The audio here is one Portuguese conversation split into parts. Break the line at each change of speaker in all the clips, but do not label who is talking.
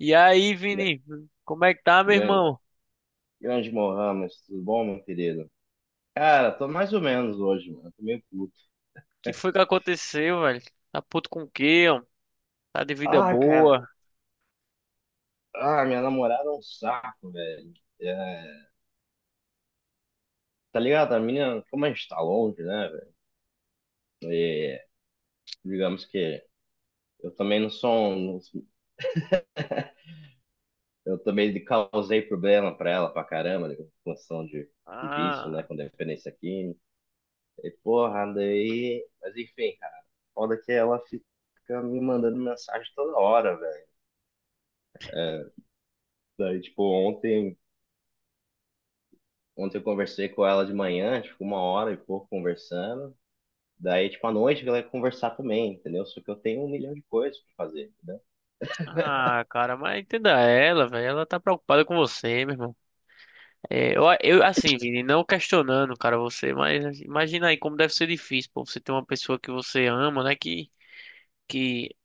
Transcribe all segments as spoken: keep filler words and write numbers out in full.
E aí,
Gra-
Vini, como é que tá, meu
gran-
irmão? O
Grande Mohamed, tudo bom, meu querido? Cara, tô mais ou menos hoje, mano. Tô meio puto.
que foi que aconteceu, velho? Tá puto com o quê, ó? Tá de vida
Ah, cara.
boa?
Ah, minha namorada é um saco, velho. É, tá ligado? A menina, como a gente tá longe, né, velho? E, digamos que eu também não sou um, eu também causei problema pra ela pra caramba, né, com função de, de vício, né?
Ah,
Com dependência química. E porra, daí. Mas enfim, cara. Foda que ela fica me mandando mensagem toda hora, velho. Daí, tipo, ontem. Ontem eu conversei com ela de manhã, tipo, uma hora e pouco conversando. Daí, tipo, à noite ela ia conversar também, entendeu? Só que eu tenho um milhão de coisas pra fazer, entendeu?
ah, cara, mas entenda ela, velho. Ela tá preocupada com você, meu irmão. É, eu, eu, assim, Vini, não questionando, cara, você, mas imagina aí como deve ser difícil, pô, você ter uma pessoa que você ama, né, que, que,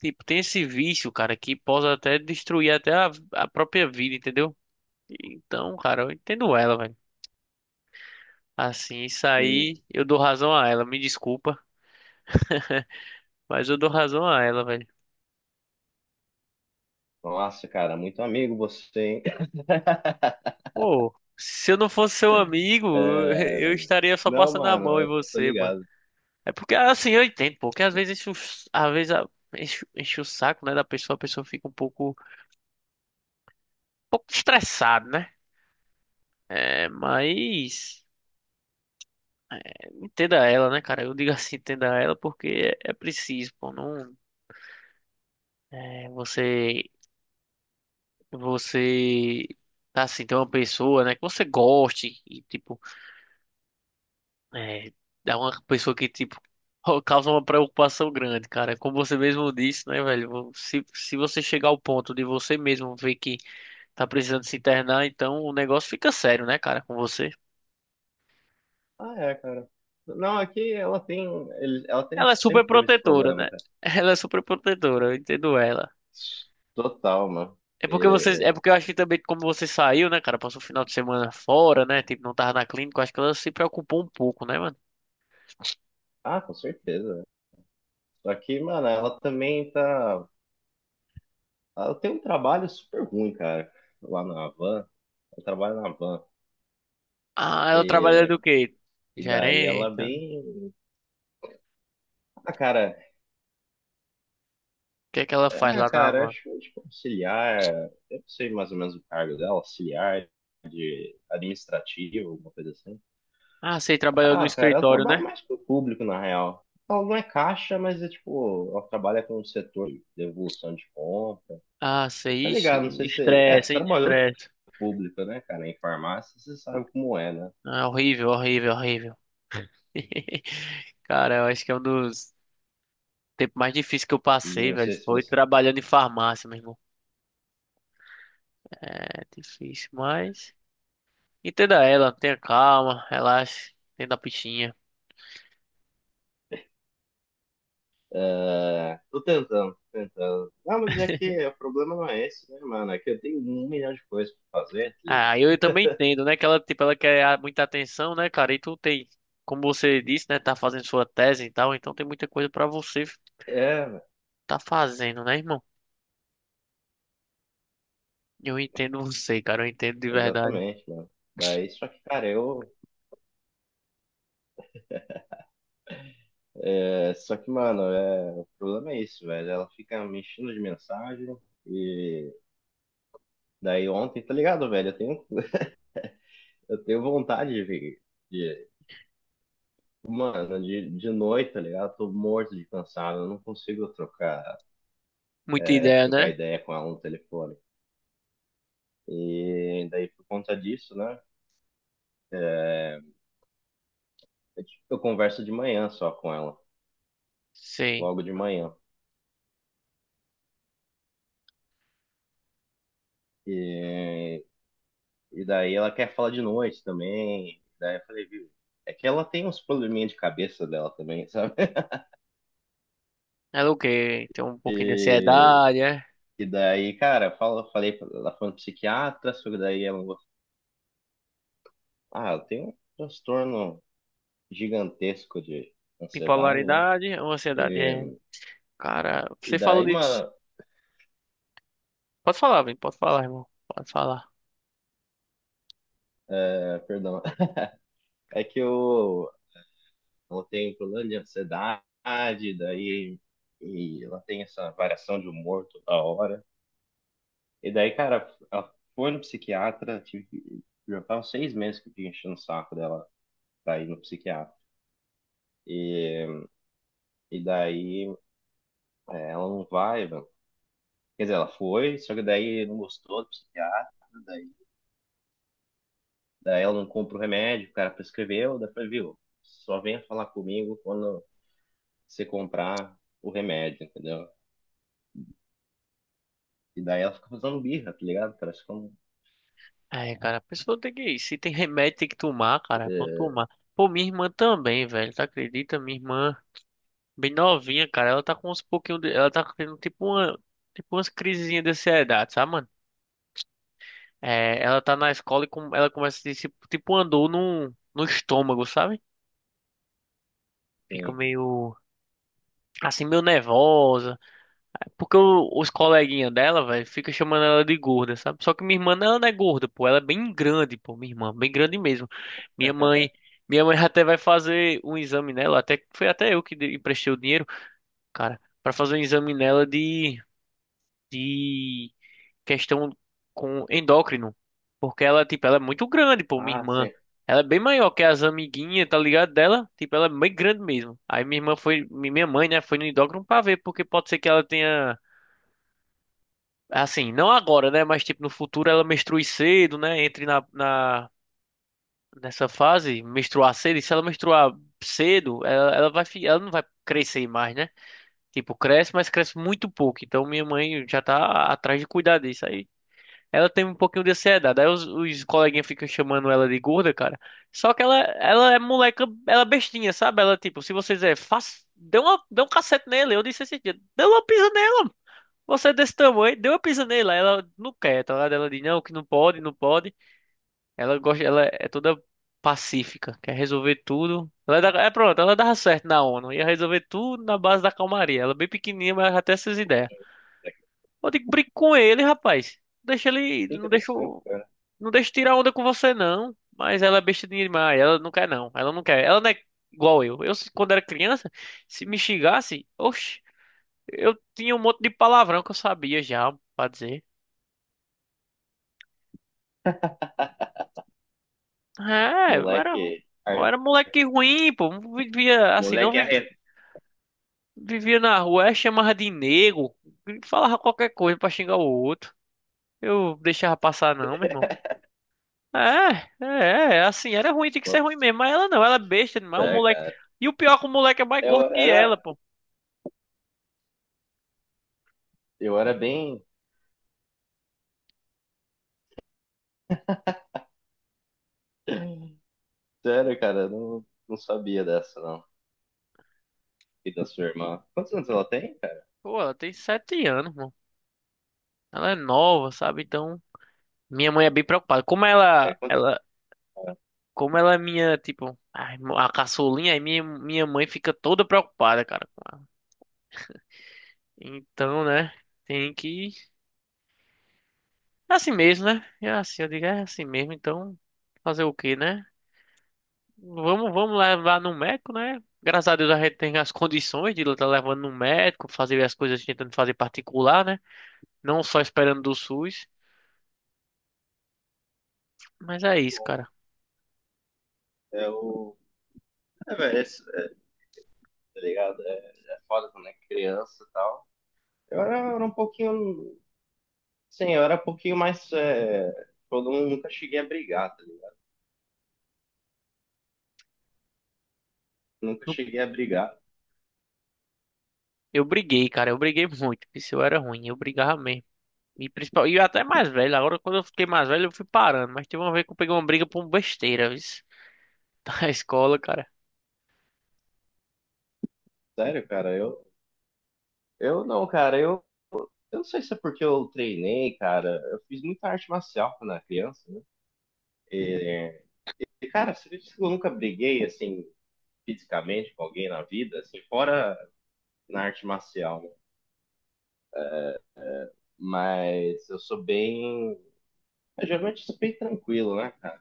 tipo, tem esse vício, cara, que pode até destruir até a, a própria vida, entendeu? Então, cara, eu entendo ela, velho. Assim, isso
E,
aí eu dou razão a ela, me desculpa, mas eu dou razão a ela, velho.
nossa, cara, muito amigo você, hein?
Pô, se eu não fosse seu amigo,
É,
eu estaria só
não,
passando a
mano,
mão em
eu tô
você, mano.
ligado.
É porque assim, eu entendo, pô, que às vezes enche o, às vezes a- enche, enche o saco, né, da pessoa, a pessoa fica um pouco, um pouco estressada, né? É, mas entenda ela, né, cara? Eu digo assim, entenda ela porque é, é preciso, pô, não é você você tá assim, tem uma pessoa, né, que você goste e tipo. É, é uma pessoa que, tipo, causa uma preocupação grande, cara. Como você mesmo disse, né, velho? Se, se você chegar ao ponto de você mesmo ver que tá precisando se internar, então o negócio fica sério, né, cara, com você.
Ah, é, cara. Não, aqui ela tem, ele- ela tem,
Ela é super
sempre teve esse
protetora,
problema,
né?
cara.
Ela é super protetora, eu entendo ela.
Total, mano.
É porque você, é
E-
porque eu
e-
acho que também como você saiu, né, cara, passou o final de semana fora, né, tipo, não tava na clínica, eu acho que ela se preocupou um pouco, né, mano?
Ah, com certeza. Só que, mano, ela também tá. Ela tem um trabalho super ruim, cara, lá na Havan. Ela trabalha na van.
Ah, ela trabalha
E,
do quê?
e daí ela é
Gerente? O
bem. Ah, cara,
que é que ela faz
é,
lá na
cara,
van?
acho que tipo, auxiliar. Eu não sei mais ou menos o cargo dela, auxiliar, administrativo, alguma coisa assim.
Ah, sei, trabalhou no
Ah, cara, ela
escritório, né?
trabalha mais com o público, na real. Ela não é caixa, mas é tipo, ela trabalha com o setor de devolução de compra.
Ah,
Tá
sei, ixi,
ligado? Não sei se. É, você
estresse, hein?
trabalhou
Estresse.
com o público, né, cara? Em farmácia, você sabe como é, né?
Ah, horrível, horrível, horrível. Cara, eu acho que é um dos tempos mais difíceis que eu passei,
Não
velho.
sei se
Foi
você.
trabalhando em farmácia, meu irmão. É difícil, mas entenda ela, tenha calma, relaxe, entenda a pichinha.
É, tô tentando, tentando. Não, mas é que o problema não é esse, né, mano? É que eu tenho um milhão de coisas pra fazer, tá ligado?
Ah, eu, eu também entendo, né? Que ela, tipo, ela quer a- muita atenção, né, cara? E tu tem, como você disse, né? Tá fazendo sua tese e tal, então tem muita coisa pra você
É,
tá fazendo, né, irmão? Eu entendo você, cara, eu entendo de verdade.
exatamente, mano. Daí, só que, cara, eu. É, só que, mano, é, o problema é isso, velho. Ela fica me enchendo de mensagem. E daí ontem, tá ligado, velho? Eu tenho, eu tenho vontade de, ver- de. Mano, de, de noite, tá ligado? Tô morto de cansado. Eu não consigo trocar,
Muita
é,
ideia,
trocar
né?
ideia com ela no telefone. E daí, por conta disso, né? Eu, tipo, eu converso de manhã só com ela,
Sim.
logo de manhã. E, e daí ela quer falar de noite também. Daí eu falei, viu? É que ela tem uns probleminha de cabeça dela também, sabe?
Ela o quê? Tem um pouquinho de
E,
ansiedade, é?
e daí, cara, fala, falei, pra- ela foi no psiquiatra, só que daí ela, falou, ah, eu tenho um transtorno gigantesco de ansiedade, né?
Bipolaridade ou ansiedade? É.
E,
Cara,
e
você falou
daí,
disso.
mano,
Pode falar, vem, pode falar, irmão. Pode falar.
é, perdão, é que eu, ela tem um problema de ansiedade, daí e ela tem essa variação de humor toda hora. E daí, cara, ela foi no psiquiatra, tive, que- já faz uns seis meses que eu fiquei enchendo o saco dela pra ir no psiquiatra. E, e daí é, ela não vai, mano. Quer dizer, ela foi, só que daí não gostou do psiquiatra, daí, daí, ela não compra o remédio, o cara prescreveu, daí foi, viu, só venha falar comigo quando você comprar o remédio, entendeu? E daí ela fica fazendo birra, tá ligado? Parece que
É, cara, a pessoa tem que ir. Se tem remédio, tem que tomar, cara. Vamos tomar. Pô, minha irmã também, velho. Tá acredita? Minha irmã, bem novinha, cara. Ela tá com uns pouquinho de... Ela tá tendo tipo uma. Tipo umas crisezinhas de ansiedade, sabe, mano? É, ela tá na escola e com... ela começa a ter tipo, tipo um andor no... no estômago, sabe? Fica
sim.
meio assim, meio nervosa. Porque o- os coleguinhas dela, velho, fica chamando ela de gorda, sabe? Só que minha irmã, ela não é gorda, pô. Ela é bem grande, pô, minha irmã. Bem grande mesmo. Minha mãe... Minha mãe até vai fazer um exame nela. Até, foi até eu que de- emprestei o dinheiro, cara. Pra fazer um exame nela de... De questão com endócrino, porque ela, tipo, ela é muito grande, pô, minha
Ah,
irmã.
sim.
Ela é bem maior que as amiguinhas, tá ligado? Dela, tipo, ela é bem grande mesmo. Aí minha irmã foi, mi- minha mãe, né, foi no endócrino pra ver, porque pode ser que ela tenha, assim, não agora, né, mas tipo, no futuro ela menstrue cedo, né, entre na, na, nessa fase, menstruar cedo, e se ela menstruar cedo, ela, ela vai, fi- ela não vai crescer mais, né? Tipo, cresce, mas cresce muito pouco. Então minha mãe já tá atrás de cuidar disso aí. Ela tem um pouquinho de ansiedade. Aí os, os coleguinhas ficam chamando ela de gorda, cara. Só que ela, ela é moleca, ela é bestinha, sabe? Ela, tipo, se você dizer, faz, dê uma, dê um cacete nele. Eu disse esse dia, dê uma pisa nela. Você é desse tamanho, dê uma pisa nele. Aí ela não quer, tá ligado? Ela diz, não, que não pode, não pode. Ela gosta, ela é toda pacífica, quer resolver tudo. Ela é, da- é, pronto, ela dava certo na O N U. Ia resolver tudo na base da calmaria. Ela é bem pequenininha, mas ela já tem essas ideias.
Moleque.
Eu digo, brinca com ele, rapaz. Deixa ele,
Que
não deixa
interessante, cara.
não deixa eu tirar onda com você, não. Mas ela é besta demais. Ela não quer, não. Ela não quer. Ela não é igual eu. Eu, se- quando era criança, se me xingasse, oxe, eu tinha um monte de palavrão que eu sabia já pra dizer. É, eu era,
Moleque.
eu
ar-
era moleque ruim, pô. Não vivia assim, não
Moleque
vi-
arreto.
vivia na rua, é, chamava de nego. Falava qualquer coisa pra xingar o outro. Eu deixava passar, não, meu irmão. É, é, é, assim, era ruim, tinha que ser
Bota
ruim mesmo. Mas ela não, ela é besta demais. Um moleque.
cara.
E o pior é que o moleque é mais
Eu
gordo que
era,
ela, pô.
eu era bem. Sério, cara. Eu não, não sabia dessa, não. E da sua irmã. Quantos anos ela tem, cara?
Pô, ela tem sete anos, mano. Ela é nova, sabe? Então, minha mãe é bem preocupada. Como
É
ela,
quantos.
ela, como ela é minha, tipo, a, irmã- a caçulinha, aí minha, minha mãe fica toda preocupada, cara, com ela. Então, né? Tem que. É assim mesmo, né? É assim, eu digo, é assim mesmo. Então, fazer o quê, né? Vamos, vamos levar no médico, né? Graças a Deus a gente tem as condições de estar levando no médico, fazer as coisas tentando fazer particular, né? Não só esperando do S U S. Mas é isso, cara.
É o. É, velho, é, isso, é, tá ligado? É, é foda quando é criança e tal. Eu era, eu era um pouquinho. Sim, eu era um pouquinho mais. É, eu nunca cheguei a brigar, tá ligado? Nunca cheguei a brigar.
Eu briguei, cara, eu briguei muito, porque se eu era ruim, eu brigava mesmo. E, principal, e eu até mais velho, agora quando eu fiquei mais velho eu fui parando, mas teve uma vez que eu peguei uma briga por besteira, viu? Da escola, cara.
Sério, cara. Eu, eu não, cara. Eu. Eu não sei se é porque eu treinei, cara. Eu fiz muita arte marcial quando era criança, né? E, cara, você acredita que eu nunca briguei, assim, fisicamente com alguém na vida, assim, fora na arte marcial, né? Mas eu sou bem. Eu geralmente sou bem tranquilo, né, cara?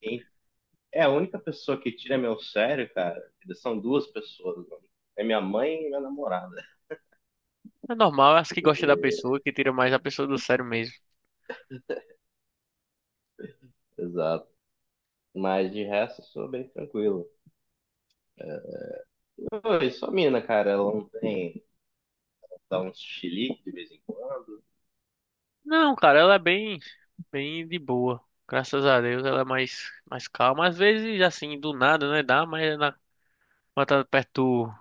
Quem é a única pessoa que tira meu sério, cara, são duas pessoas, mano. É minha mãe e minha namorada.
É normal, eu acho que gosta da pessoa, que tira mais a pessoa do sério mesmo.
Exato. Mas de resto, eu sou bem tranquilo. Oi, só a mina, cara, ela não tem. Dá uns chilique de vez em quando.
Não, cara, ela é bem, bem de boa. Graças a Deus ela é mais, mais calma. Às vezes, assim, do nada, né? Dá, mas é na, quando tá perto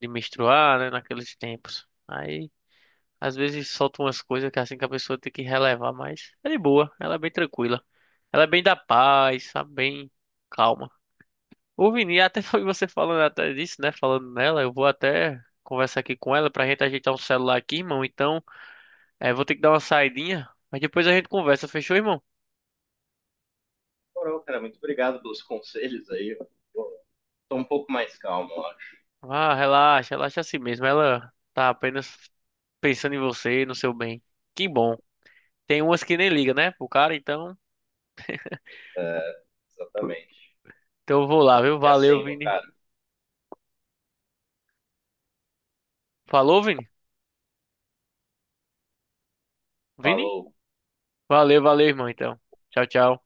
de menstruar, né? Naqueles tempos. Aí, às vezes solta umas coisas que é assim que a pessoa tem que relevar, mas é de boa, ela é bem tranquila. Ela é bem da paz, sabe? Bem calma. O Vini, até foi você falando até disso, né? Falando nela, eu vou até conversar aqui com ela pra gente ajeitar um celular aqui, irmão. Então, é, vou ter que dar uma saidinha, mas depois a gente conversa, fechou, irmão?
Moral, cara, muito obrigado pelos conselhos aí. Pô, tô um pouco mais calmo, eu acho.
Ah, relaxa, relaxa assim mesmo. Ela tá apenas pensando em você, no seu bem. Que bom. Tem umas que nem liga, né? Pro cara, então.
É, exatamente.
Então eu vou lá, viu?
Fica
Valeu,
assim,
Vini.
cara.
Falou, Vini? Vini?
Falou.
Valeu, valeu, irmão, então. Tchau, tchau.